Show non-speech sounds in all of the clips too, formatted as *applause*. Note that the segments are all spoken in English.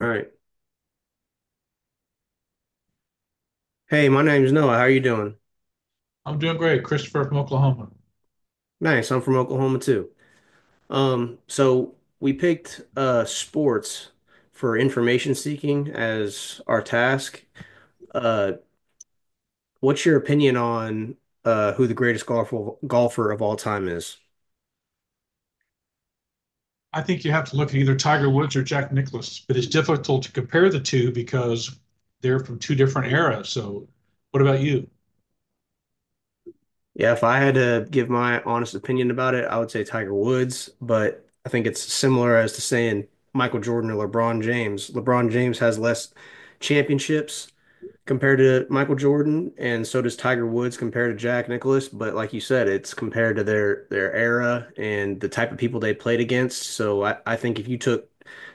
All right. Hey, my name's Noah. How you doing? I'm doing great, Christopher from Oklahoma. Nice. I'm from Oklahoma too. So we picked sports for information seeking as our task. Uh, what's your opinion on who the greatest golfer of all time is? I think you have to look at either Tiger Woods or Jack Nicklaus, but it's difficult to compare the two because they're from two different eras. So, what about you? Yeah, if I had to give my honest opinion about it, I would say Tiger Woods, but I think it's similar as to saying Michael Jordan or LeBron James. LeBron James has less championships compared to Michael Jordan, and so does Tiger Woods compared to Jack Nicklaus. But like you said, it's compared to their era and the type of people they played against. So I think if you took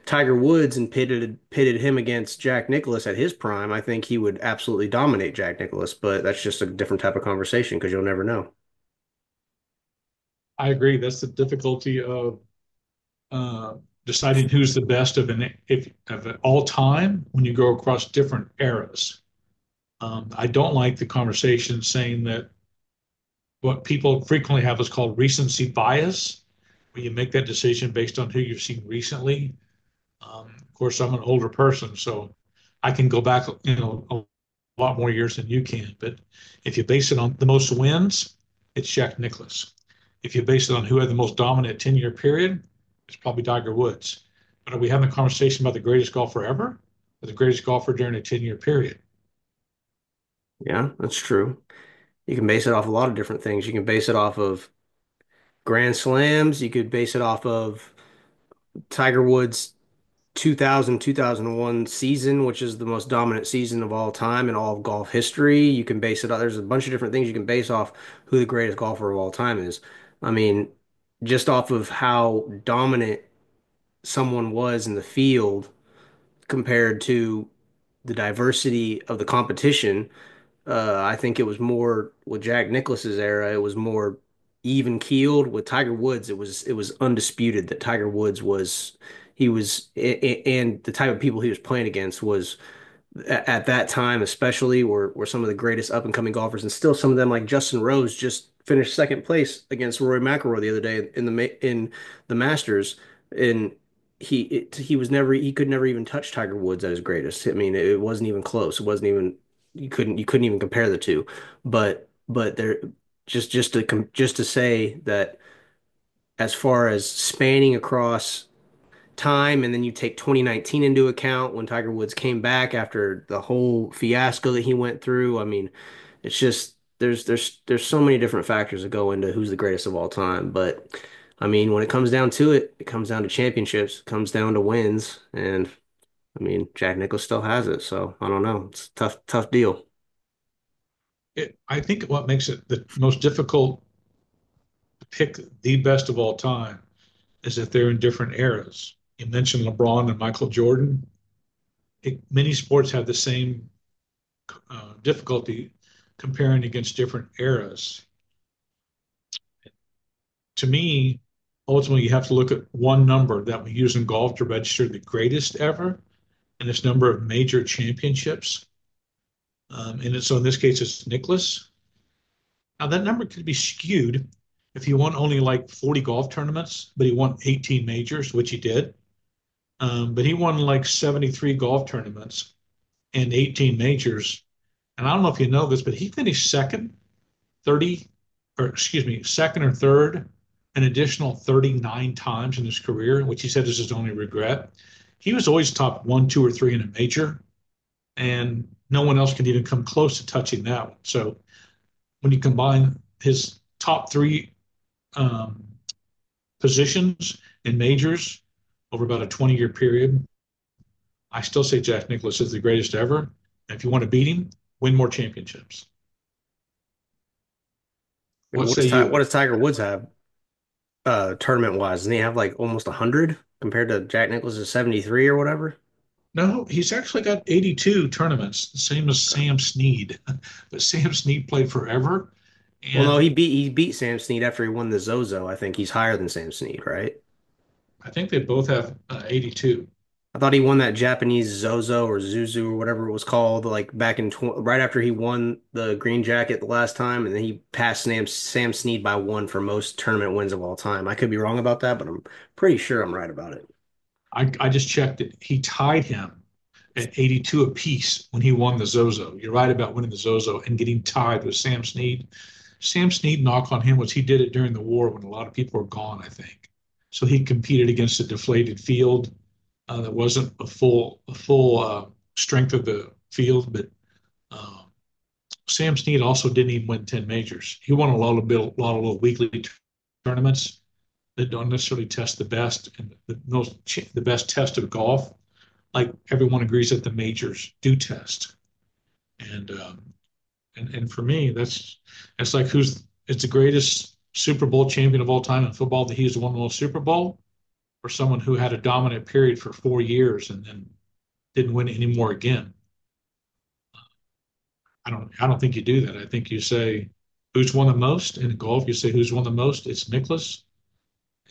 Tiger Woods and pitted him against Jack Nicklaus at his prime, I think he would absolutely dominate Jack Nicklaus. But that's just a different type of conversation because you'll never know. I agree. That's the difficulty of uh, deciding who's the best of an if of all time when you go across different eras. I don't like the conversation saying that what people frequently have is called recency bias, where you make that decision based on who you've seen recently. Of course, I'm an older person, so I can go back, you know, a lot more years than you can. But if you base it on the most wins, it's Jack Nicklaus. If you base it on who had the most dominant 10-year period, it's probably Tiger Woods. But are we having a conversation about the greatest golfer ever or the greatest golfer during a 10-year period? Yeah, that's true. You can base it off a lot of different things. You can base it off of Grand Slams. You could base it off of Tiger Woods 2000 2001 season, which is the most dominant season of all time in all of golf history. You can base it on, there's a bunch of different things you can base off who the greatest golfer of all time is. I mean, just off of how dominant someone was in the field compared to the diversity of the competition. I think it was more with Jack Nicklaus's era, it was more even keeled. With Tiger Woods, it was undisputed that Tiger Woods was he was a- and the type of people he was playing against was at that time, especially, were some of the greatest up and coming golfers, and still some of them, like Justin Rose, just finished second place against Rory McIlroy the other day in in the Masters, and he was never he could never even touch Tiger Woods at his greatest. I mean, it wasn't even close. It wasn't even you couldn't even compare the two, but there just to com just to say that as far as spanning across time, and then you take 2019 into account when Tiger Woods came back after the whole fiasco that he went through. I mean, it's just there's so many different factors that go into who's the greatest of all time, but I mean, when it comes down to it, it comes down to championships, it comes down to wins, and I mean, Jack Nicklaus still has it, so I don't know. It's a tough deal. I think what makes it the most difficult to pick the best of all time is that they're in different eras. You mentioned LeBron and Michael Jordan. Many sports have the same difficulty comparing against different eras. To me, ultimately, you have to look at one number that we use in golf to register the greatest ever, and it's number of major championships. And so in this case, it's Nicholas. Now, that number could be skewed if he won only like 40 golf tournaments, but he won 18 majors, which he did. But he won like 73 golf tournaments and 18 majors. And I don't know if you know this, but he finished second 30, or excuse me, second or third an additional 39 times in his career, which he said is his only regret. He was always top one, two, or three in a major, and no one else could even come close to touching that one. So when you combine his top three um, positions in majors over about a 20-year period, I still say Jack Nicklaus is the greatest ever. And if you want to beat him, win more championships. I mean, What say you? what does Tiger Woods have tournament wise? Doesn't he have like almost 100 compared to Jack Nicklaus's 73 or whatever? No, he's actually got 82 tournaments, the same as Sam Snead. *laughs* But Sam Snead played forever, Well, no, and he beat Sam Snead after he won the Zozo. I think he's higher than Sam Snead, right? I think they both have 82. I thought he won that Japanese Zozo or Zuzu or whatever it was called, like back in tw right after he won the green jacket the last time, and then he passed Sam Snead by one for most tournament wins of all time. I could be wrong about that, but I'm pretty sure I'm right about it. I just checked it. He tied him at 82 apiece when he won the Zozo. You're right about winning the Zozo and getting tied with Sam Snead. Sam Snead knock on him was he did it during the war when a lot of people were gone, I think. So he competed against a deflated field that wasn't a full strength of the field, but um, Sam Snead also didn't even win 10 majors. He won a lot of little weekly tournaments that don't necessarily test the best and the most the best test of golf. Like everyone agrees that the majors do test, and um, and and for me, that's like who's it's the greatest Super Bowl champion of all time in football that he's won the most Super Bowl, or someone who had a dominant period for 4 years and then didn't win anymore again. I don't think you do that. I think you say, who's won the most? In golf, you say, who's won the most? It's Nicklaus.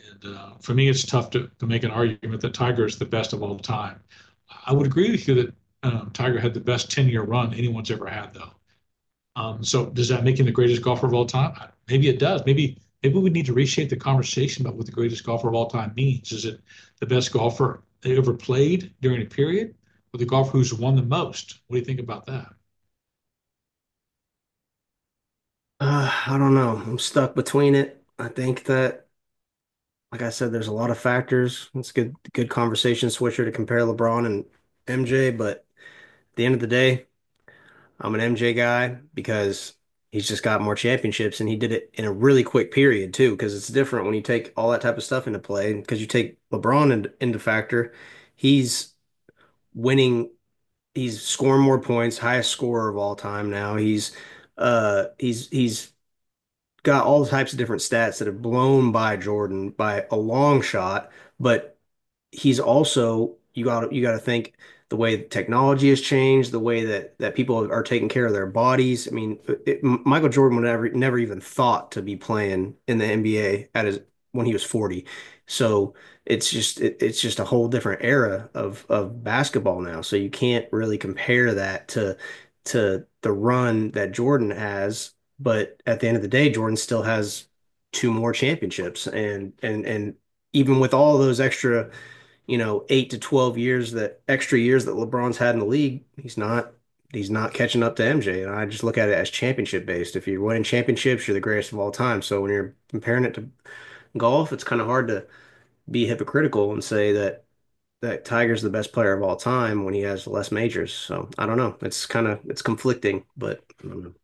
And for me, it's tough to make an argument that Tiger is the best of all time. I would agree with you that Tiger had the best 10-year run anyone's ever had, though. So does that make him the greatest golfer of all time? Maybe it does. Maybe we need to reshape the conversation about what the greatest golfer of all time means. Is it the best golfer they ever played during a period, or the golfer who's won the most? What do you think about that? I don't know. I'm stuck between it. I think like I said, there's a lot of factors. It's a good conversation switcher to compare LeBron and MJ, but at the end of the day, I'm an MJ guy because he's just got more championships and he did it in a really quick period too, because it's different when you take all that type of stuff into play. Because you take into factor, he's winning, he's scoring more points, highest scorer of all time now. He's got all types of different stats that have blown by Jordan by a long shot, but he's also you got to think the way that technology has changed, the way that people are taking care of their bodies. I mean, Michael Jordan would never even thought to be playing in the NBA at his when he was 40. So it's just it's just a whole different era of basketball now. So you can't really compare that to the run that Jordan has, but at the end of the day, Jordan still has two more championships, and even with all those extra you know, eight to 12 years that extra years that LeBron's had in the league, he's not catching up to MJ. And I just look at it as championship based. If you're winning championships, you're the greatest of all time. So when you're comparing it to golf, it's kind of hard to be hypocritical and say that Tiger's the best player of all time when he has less majors. So I don't know. It's kind of it's conflicting, but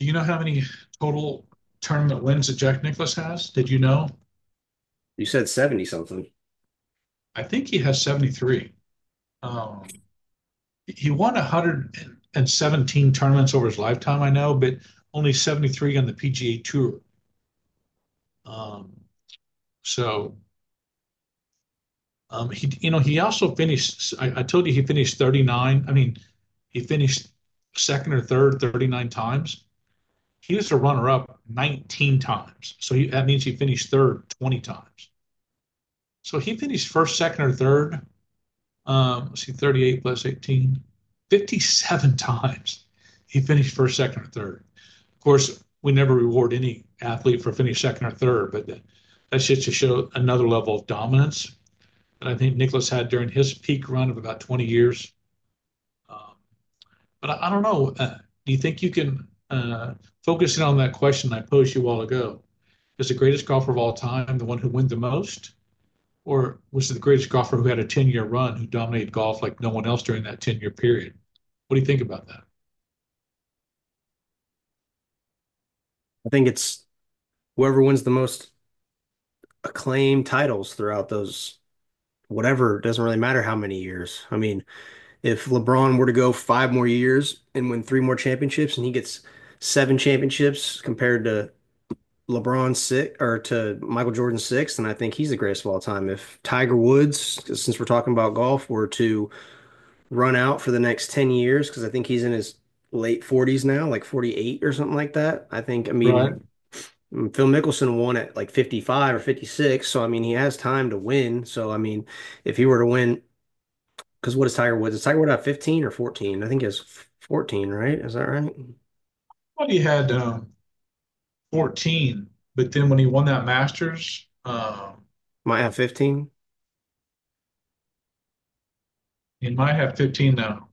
Do you know how many total tournament wins that Jack Nicklaus has? Did you know? you said 70 something. I think he has 73. Um, he won 117 tournaments over his lifetime, I know, but only 73 on the PGA Tour. Um, so he, you know, he also finished. I told you he finished 39. I mean, he finished second or third 39 times. He was a runner-up 19 times. So he, that means he finished third 20 times. So he finished first, second, or third. Let's see, 38 plus 18, 57 times he finished first, second, or third. Of course, we never reward any athlete for finishing second or third, but that's just to show another level of dominance that I think Nicholas had during his peak run of about 20 years. Um, but I don't know. Do you think you can focus on that question I posed you a while ago? Is the greatest golfer of all time the one who wins the most? Or was the greatest golfer who had a 10-year run who dominated golf like no one else during that 10-year period? What do you think about that? I think it's whoever wins the most acclaimed titles throughout those whatever, it doesn't really matter how many years. I mean, if LeBron were to go five more years and win three more championships and he gets seven championships compared to LeBron six or to Michael Jordan six, then I think he's the greatest of all time. If Tiger Woods, since we're talking about golf, were to run out for the next 10 years, because I think he's in his late 40s now, like 48 or something like that, I think, I mean, Right. Phil Mickelson won at like 55 or 56, so I mean, he has time to win. So, I mean, if he were to win because what is Tiger Woods? Is Tiger Woods at 15 or 14? I think it's 14, right? Is that right? Well, he had 14, but then when he won that Masters, Might have 15. he might have 15 now.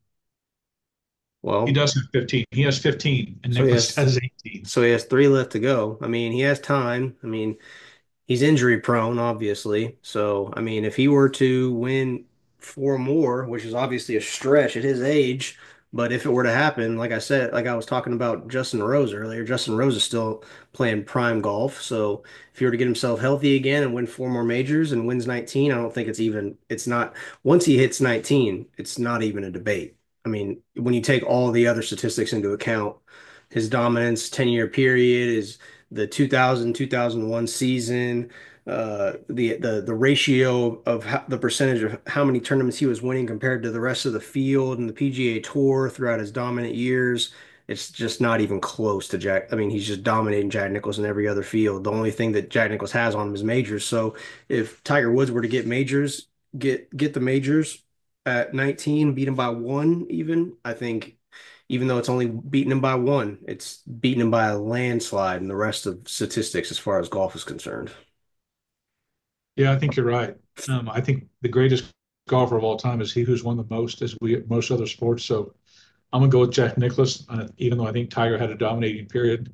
He Well, does have 15. He has 15, and so he Nicholas *laughs* has has 18. Three left to go. I mean, he has time. I mean, he's injury prone, obviously. So, I mean, if he were to win four more, which is obviously a stretch at his age, but if it were to happen, like I said, like I was talking about Justin Rose earlier, Justin Rose is still playing prime golf. So, if he were to get himself healthy again and win four more majors and wins 19, I don't think it's not, once he hits 19, it's not even a debate. I mean, when you take all the other statistics into account, his dominance, 10-year period, his the 2000, 2001 season, the the ratio of the percentage of how many tournaments he was winning compared to the rest of the field and the PGA Tour throughout his dominant years. It's just not even close to Jack. I mean, he's just dominating Jack Nicklaus in every other field. The only thing that Jack Nicklaus has on him is majors. So if Tiger Woods were to get majors, get the majors at 19, beat him by one even, I think even though it's only beaten him by one, it's beaten him by a landslide in the rest of statistics as far as golf is concerned. Yeah, I think you're right. I think the greatest golfer of all time is he who's won the most, as we most other sports. So I'm gonna go with Jack Nicklaus, even though I think Tiger had a dominating period.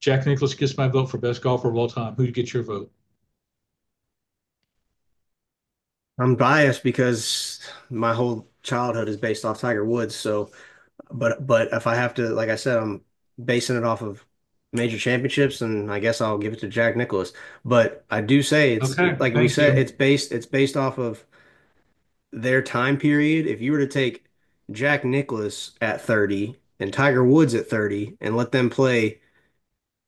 Jack Nicklaus gets my vote for best golfer of all time. Who gets your vote? I'm biased because my whole childhood is based off Tiger Woods. So, but if I have to, like I said, I'm basing it off of major championships, and I guess I'll give it to Jack Nicklaus. But I do say Okay, like we thank said, you. It's based off of their time period. If you were to take Jack Nicklaus at 30 and Tiger Woods at 30 and let them play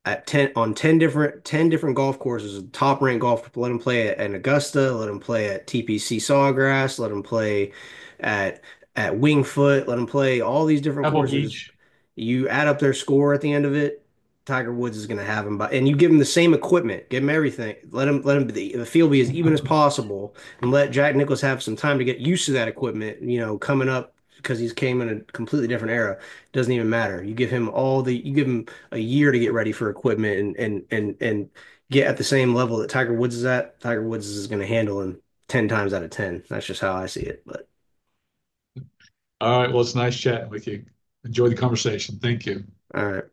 at 10 on 10 different golf courses, top ranked golf, let him at Augusta, let him play at TPC Sawgrass, let him play at at Wingfoot, let him play all these different Pebble courses, Beach. you add up their score at the end of it, Tiger Woods is going to have him by, and you give him the same equipment, give him everything, let him the field be as even as *laughs* possible, and let Jack Nicklaus have some time to get used to that equipment, you know, coming up because he's came in a completely different era, doesn't even matter, you give him all the you give him a year to get ready for equipment, and get at the same level that Tiger Woods is at. Tiger Woods is going to handle him 10 times out of 10. That's just how I see it. But All right, well, it's nice chatting with you. Enjoy the conversation. Thank you. all right.